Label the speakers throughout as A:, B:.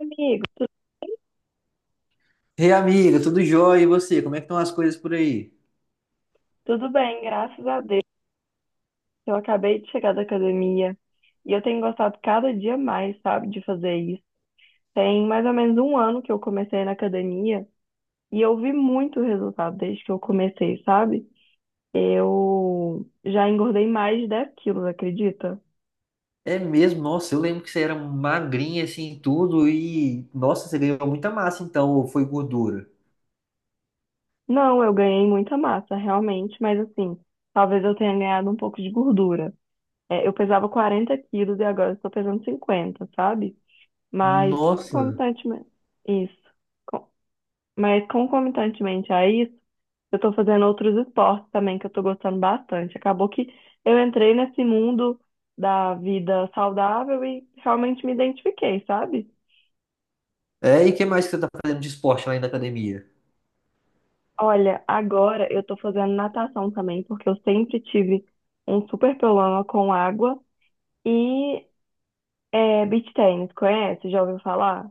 A: Amigo,
B: Ei, amiga, tudo jóia? E você? Como é que estão as coisas por aí?
A: tudo bem, graças a Deus. Eu acabei de chegar da academia e eu tenho gostado cada dia mais, sabe, de fazer isso. Tem mais ou menos um ano que eu comecei na academia e eu vi muito resultado desde que eu comecei, sabe? Eu já engordei mais de 10 quilos, acredita?
B: É mesmo? Nossa, eu lembro que você era magrinha assim, tudo e nossa, você ganhou muita massa então, ou foi gordura?
A: Não, eu ganhei muita massa, realmente, mas assim, talvez eu tenha ganhado um pouco de gordura. É, eu pesava 40 quilos e agora eu estou pesando 50, sabe? Mas
B: Nossa.
A: constantemente. Isso. Mas concomitantemente a isso, eu tô fazendo outros esportes também que eu tô gostando bastante. Acabou que eu entrei nesse mundo da vida saudável e realmente me identifiquei, sabe?
B: É, e o que mais que você tá fazendo de esporte lá na academia?
A: Olha, agora eu tô fazendo natação também, porque eu sempre tive um super problema com água. E beach tennis, conhece? Já ouviu falar?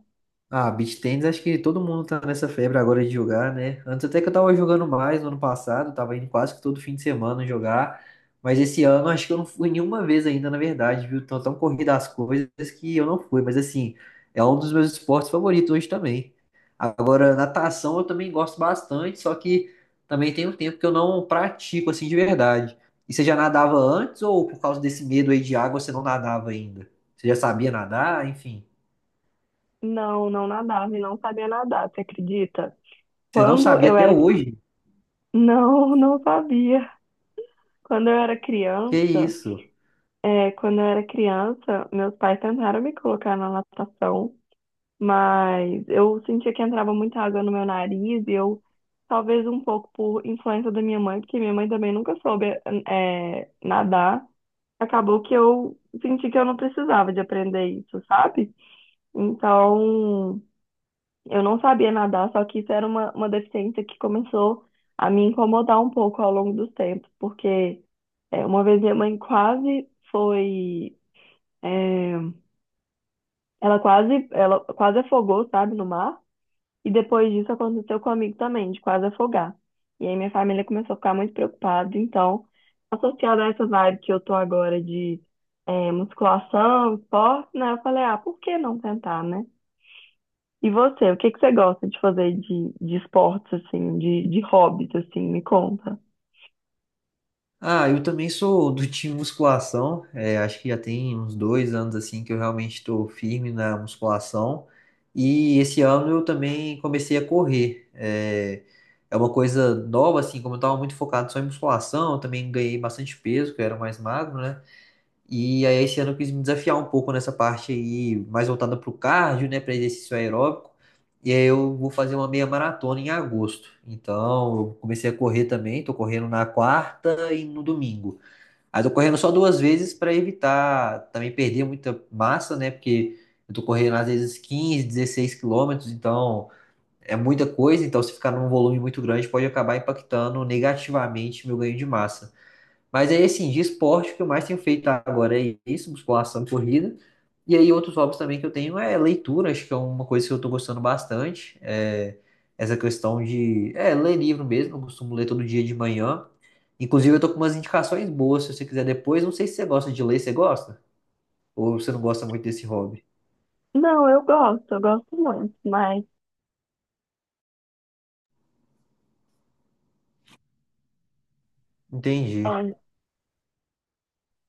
B: Ah, beach tennis, acho que todo mundo tá nessa febre agora de jogar, né? Antes até que eu tava jogando mais no ano passado, tava indo quase que todo fim de semana jogar, mas esse ano acho que eu não fui nenhuma vez ainda, na verdade, viu? Tão tão corrida as coisas que eu não fui, mas assim, é um dos meus esportes favoritos hoje também. Agora, natação eu também gosto bastante, só que também tem um tempo que eu não pratico assim de verdade. E você já nadava antes ou por causa desse medo aí de água você não nadava ainda? Você já sabia nadar, enfim.
A: Não, não nadava e não sabia nadar, você acredita?
B: Você não
A: Quando
B: sabia
A: eu
B: até
A: era.
B: hoje?
A: Não, não sabia. Quando eu era
B: Que
A: criança.
B: isso?
A: Quando eu era criança, meus pais tentaram me colocar na natação, mas eu sentia que entrava muita água no meu nariz e eu, talvez um pouco por influência da minha mãe, porque minha mãe também nunca soube, nadar, acabou que eu senti que eu não precisava de aprender isso, sabe? Então, eu não sabia nadar, só que isso era uma deficiência que começou a me incomodar um pouco ao longo dos tempos, porque uma vez minha mãe quase foi. É, ela quase afogou, sabe, no mar. E depois disso aconteceu com um amigo também, de quase afogar. E aí minha família começou a ficar muito preocupada. Então, associado a essa vibe que eu tô agora de musculação, esporte, né? Eu falei, ah, por que não tentar, né? E você, o que que você gosta de fazer de esportes, assim, de hobbies, assim, me conta?
B: Ah, eu também sou do time musculação. É, acho que já tem uns 2 anos assim que eu realmente estou firme na musculação. E esse ano eu também comecei a correr. É, é uma coisa nova assim, como eu estava muito focado só em musculação, eu também ganhei bastante peso, que eu era mais magro, né? E aí esse ano eu quis me desafiar um pouco nessa parte aí, mais voltada para o cardio, né, para exercício aeróbico. E aí eu vou fazer uma meia maratona em agosto. Então, eu comecei a correr também, tô correndo na quarta e no domingo. Aí tô correndo só duas vezes para evitar também perder muita massa, né? Porque eu tô correndo às vezes 15, 16 quilômetros, então é muita coisa, então se ficar num volume muito grande pode acabar impactando negativamente meu ganho de massa. Mas aí, assim, de esporte, o que eu mais tenho feito agora é isso, musculação, e corrida. E aí, outros hobbies também que eu tenho é leitura, acho que é uma coisa que eu tô gostando bastante. É essa questão de, ler livro mesmo, eu costumo ler todo dia de manhã. Inclusive, eu tô com umas indicações boas, se você quiser depois. Não sei se você gosta de ler, você gosta? Ou você não gosta muito desse hobby?
A: Não, eu gosto muito, mas
B: Entendi.
A: é,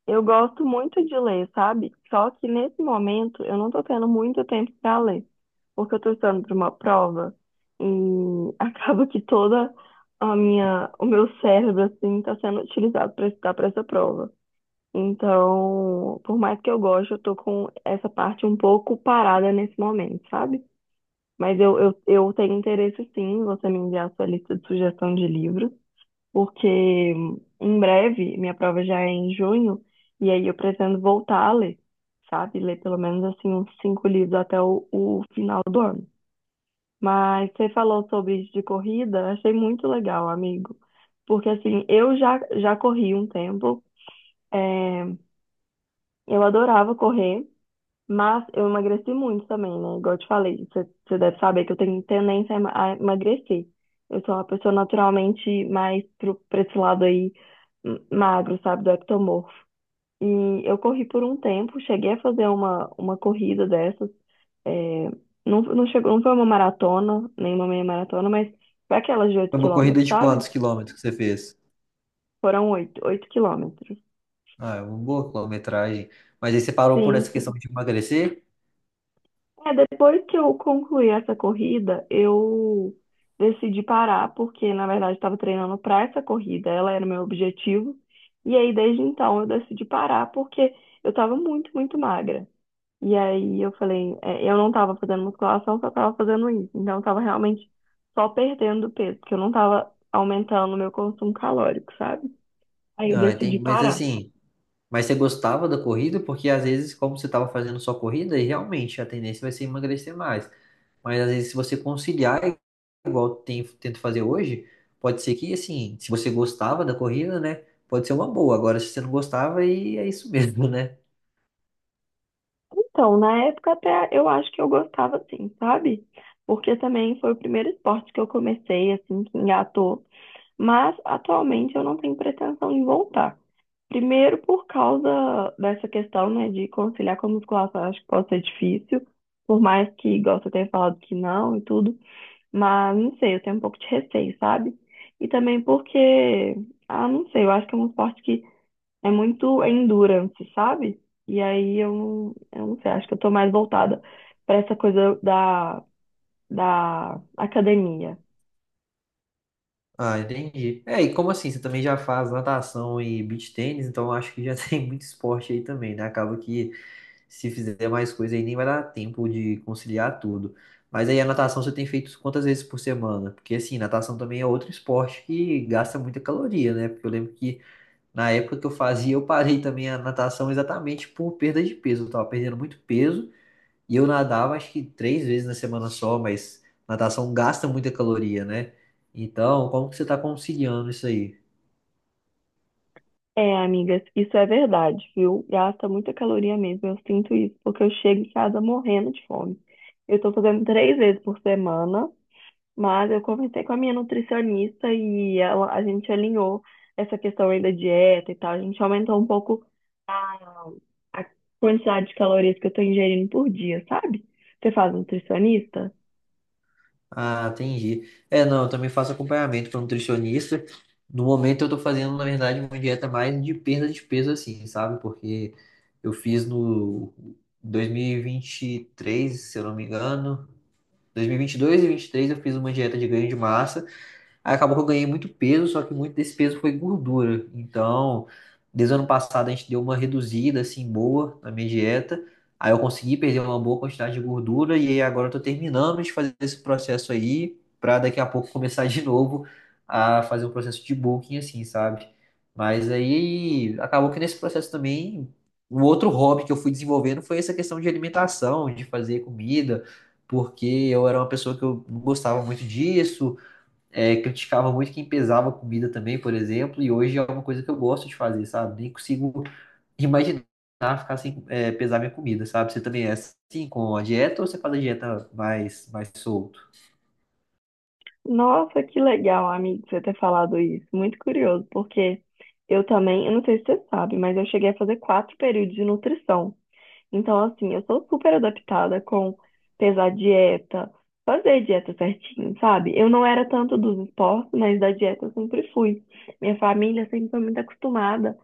A: eu gosto muito de ler, sabe? Só que nesse momento eu não tô tendo muito tempo para ler, porque eu tô estudando para uma prova e acaba que o meu cérebro assim tá sendo utilizado para estudar para essa prova. Então, por mais que eu goste, eu tô com essa parte um pouco parada nesse momento, sabe? Mas eu tenho interesse sim, em você me enviar a sua lista de sugestão de livros porque em breve minha prova já é em junho, e aí eu pretendo voltar a ler, sabe? Ler pelo menos assim uns cinco livros até o final do ano. Mas você falou sobre isso de corrida, achei muito legal, amigo. Porque assim, eu já corri um tempo, é, eu adorava correr. Mas eu emagreci muito também, né? Igual eu te falei, você deve saber que eu tenho tendência a a emagrecer. Eu sou uma pessoa naturalmente mais pra esse lado aí, magro, sabe, do ectomorfo. E eu corri por um tempo, cheguei a fazer uma corrida dessas. é, não, não chegou, não foi uma maratona, nem uma meia maratona, mas foi aquelas de 8
B: Foi uma
A: quilômetros,
B: corrida de
A: sabe?
B: quantos quilômetros que você fez?
A: Foram oito quilômetros.
B: Ah, é uma boa quilometragem. Mas aí você parou por
A: Sim,
B: essa questão
A: sim.
B: de emagrecer?
A: Depois que eu concluí essa corrida, eu decidi parar, porque na verdade estava treinando para essa corrida, ela era o meu objetivo. E aí, desde então, eu decidi parar, porque eu estava muito, muito magra. E aí, eu falei, eu não estava fazendo musculação, só estava fazendo isso. Então, eu estava realmente só perdendo peso, porque eu não estava aumentando o meu consumo calórico, sabe? Aí, eu
B: Ah,
A: decidi
B: entendi. Mas
A: parar.
B: assim, mas você gostava da corrida? Porque às vezes, como você estava fazendo só corrida, aí realmente a tendência vai ser emagrecer mais. Mas às vezes, se você conciliar, igual eu tento fazer hoje, pode ser que, assim, se você gostava da corrida, né? Pode ser uma boa. Agora, se você não gostava, aí é isso mesmo, né?
A: Então, na época até eu acho que eu gostava assim, sabe? Porque também foi o primeiro esporte que eu comecei, assim, que engatou. Mas atualmente eu não tenho pretensão em voltar. Primeiro por causa dessa questão, né, de conciliar com a musculação, eu acho que pode ser difícil. Por mais que, igual você tenha falado que não e tudo. Mas, não sei, eu tenho um pouco de receio, sabe? E também porque, ah, não sei, eu acho que é um esporte que é muito endurance, sabe? E aí eu, eu não sei, acho que eu tô mais voltada pra essa coisa da academia.
B: Ah, entendi. É, e como assim? Você também já faz natação e beach tênis, então eu acho que já tem muito esporte aí também, né? Acaba que se fizer mais coisa aí nem vai dar tempo de conciliar tudo. Mas aí a natação você tem feito quantas vezes por semana? Porque assim, natação também é outro esporte que gasta muita caloria, né? Porque eu lembro que na época que eu fazia, eu parei também a natação exatamente por perda de peso. Eu tava perdendo muito peso e eu nadava acho que três vezes na semana só, mas natação gasta muita caloria, né? Então, como que você tá conciliando isso aí?
A: É, amigas, isso é verdade, viu? Gasta muita caloria mesmo, eu sinto isso, porque eu chego em casa morrendo de fome. Eu tô fazendo três vezes por semana. Mas eu conversei com a minha nutricionista e ela, a gente alinhou essa questão aí da dieta e tal. A gente aumentou um pouco a, a quantidade de calorias que eu tô ingerindo por dia, sabe? Você faz nutricionista?
B: Ah, entendi. É, não, eu também faço acompanhamento com nutricionista. No momento eu tô fazendo, na verdade, uma dieta mais de perda de peso, assim, sabe? Porque eu fiz no 2023, se eu não me engano, 2022 e 2023 eu fiz uma dieta de ganho de massa. Aí acabou que eu ganhei muito peso, só que muito desse peso foi gordura. Então, desde o ano passado a gente deu uma reduzida assim boa na minha dieta. Aí eu consegui perder uma boa quantidade de gordura e aí agora eu tô terminando de fazer esse processo aí pra daqui a pouco começar de novo a fazer um processo de bulking assim, sabe? Mas aí acabou que nesse processo também o outro hobby que eu fui desenvolvendo foi essa questão de alimentação, de fazer comida, porque eu era uma pessoa que eu não gostava muito disso. É, criticava muito quem pesava comida também, por exemplo, e hoje é uma coisa que eu gosto de fazer, sabe? Nem consigo imaginar ficar sem pesar minha comida, sabe? Você também é assim com a dieta ou você faz a dieta mais solto?
A: Nossa, que legal, amigo, você ter falado isso. Muito curioso, porque eu também, eu não sei se você sabe, mas eu cheguei a fazer quatro períodos de nutrição. Então, assim, eu sou super adaptada com pesar dieta, fazer dieta certinho, sabe? Eu não era tanto dos esportes, mas da dieta eu sempre fui. Minha família sempre foi muito acostumada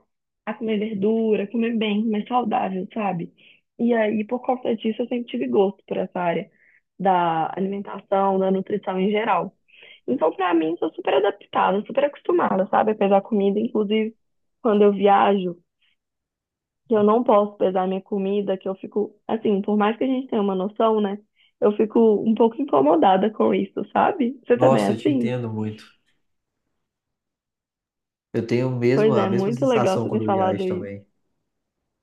A: a comer verdura, comer bem, mais saudável, sabe? E aí, por conta disso, eu sempre tive gosto por essa área da alimentação, da nutrição em geral. Então, pra mim, sou super adaptada, super acostumada, sabe? A pesar comida, inclusive, quando eu viajo que eu não posso pesar minha comida, que eu fico, assim, por mais que a gente tenha uma noção, né? Eu fico um pouco incomodada com isso, sabe? Você também é
B: Nossa, eu te
A: assim?
B: entendo muito. Eu tenho
A: Pois
B: mesmo a
A: é,
B: mesma
A: muito legal
B: sensação
A: você ter
B: quando eu
A: falado
B: viajo
A: isso.
B: também.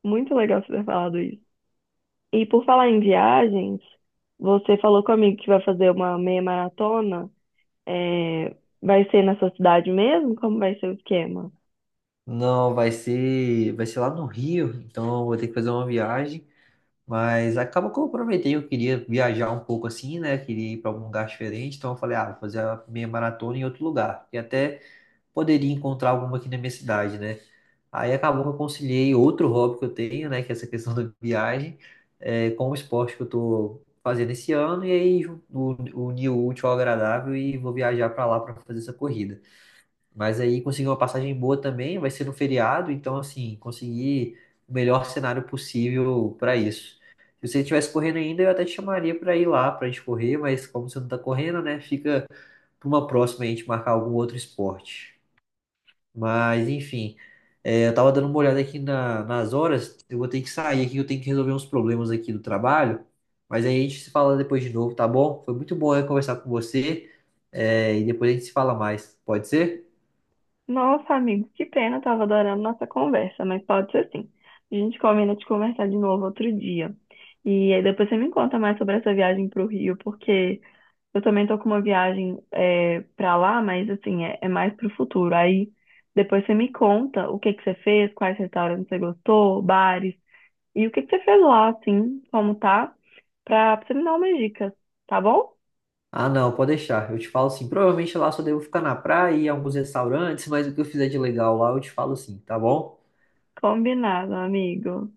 A: Muito legal você ter falado isso. E por falar em viagens, você falou comigo que vai fazer uma meia maratona. É, Vai ser na sua cidade mesmo? Como vai ser o esquema?
B: Não, vai ser lá no Rio, então eu vou ter que fazer uma viagem, mas acaba que eu aproveitei, eu queria viajar um pouco assim, né? Queria ir para algum lugar diferente, então eu falei, ah, vou fazer a minha maratona em outro lugar. E até poderia encontrar alguma aqui na minha cidade, né? Aí acabou que eu conciliei outro hobby que eu tenho, né, que é essa questão da viagem, com o esporte que eu tô fazendo esse ano, e aí uni o útil ao agradável e vou viajar para lá para fazer essa corrida. Mas aí consegui uma passagem boa também, vai ser no feriado, então assim, consegui o melhor cenário possível para isso. Se você estivesse correndo ainda, eu até te chamaria para ir lá para a gente correr, mas como você não tá correndo, né, fica para uma próxima a gente marcar algum outro esporte. Mas, enfim, é, eu tava dando uma olhada aqui nas horas. Eu vou ter que sair aqui, eu tenho que resolver uns problemas aqui do trabalho. Mas aí a gente se fala depois de novo, tá bom? Foi muito bom eu conversar com você. É, e depois a gente se fala mais. Pode ser?
A: Nossa, amigo, que pena, eu tava adorando nossa conversa, mas pode ser sim. A gente combina de conversar de novo outro dia. E aí depois você me conta mais sobre essa viagem pro Rio, porque eu também tô com uma viagem para lá, mas assim, é mais pro futuro. Aí depois você me conta o que que você fez, quais restaurantes você gostou, bares, e o que que você fez lá, assim, como tá, pra você me dar umas dicas, tá bom?
B: Ah, não, pode deixar. Eu te falo sim. Provavelmente lá só devo ficar na praia e em alguns restaurantes, mas o que eu fizer de legal lá eu te falo sim, tá bom?
A: Combinado, amigo.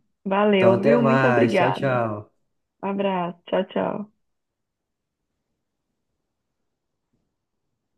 B: Então
A: Valeu,
B: até
A: viu? Muito
B: mais. Tchau,
A: obrigada.
B: tchau.
A: Abraço, tchau, tchau.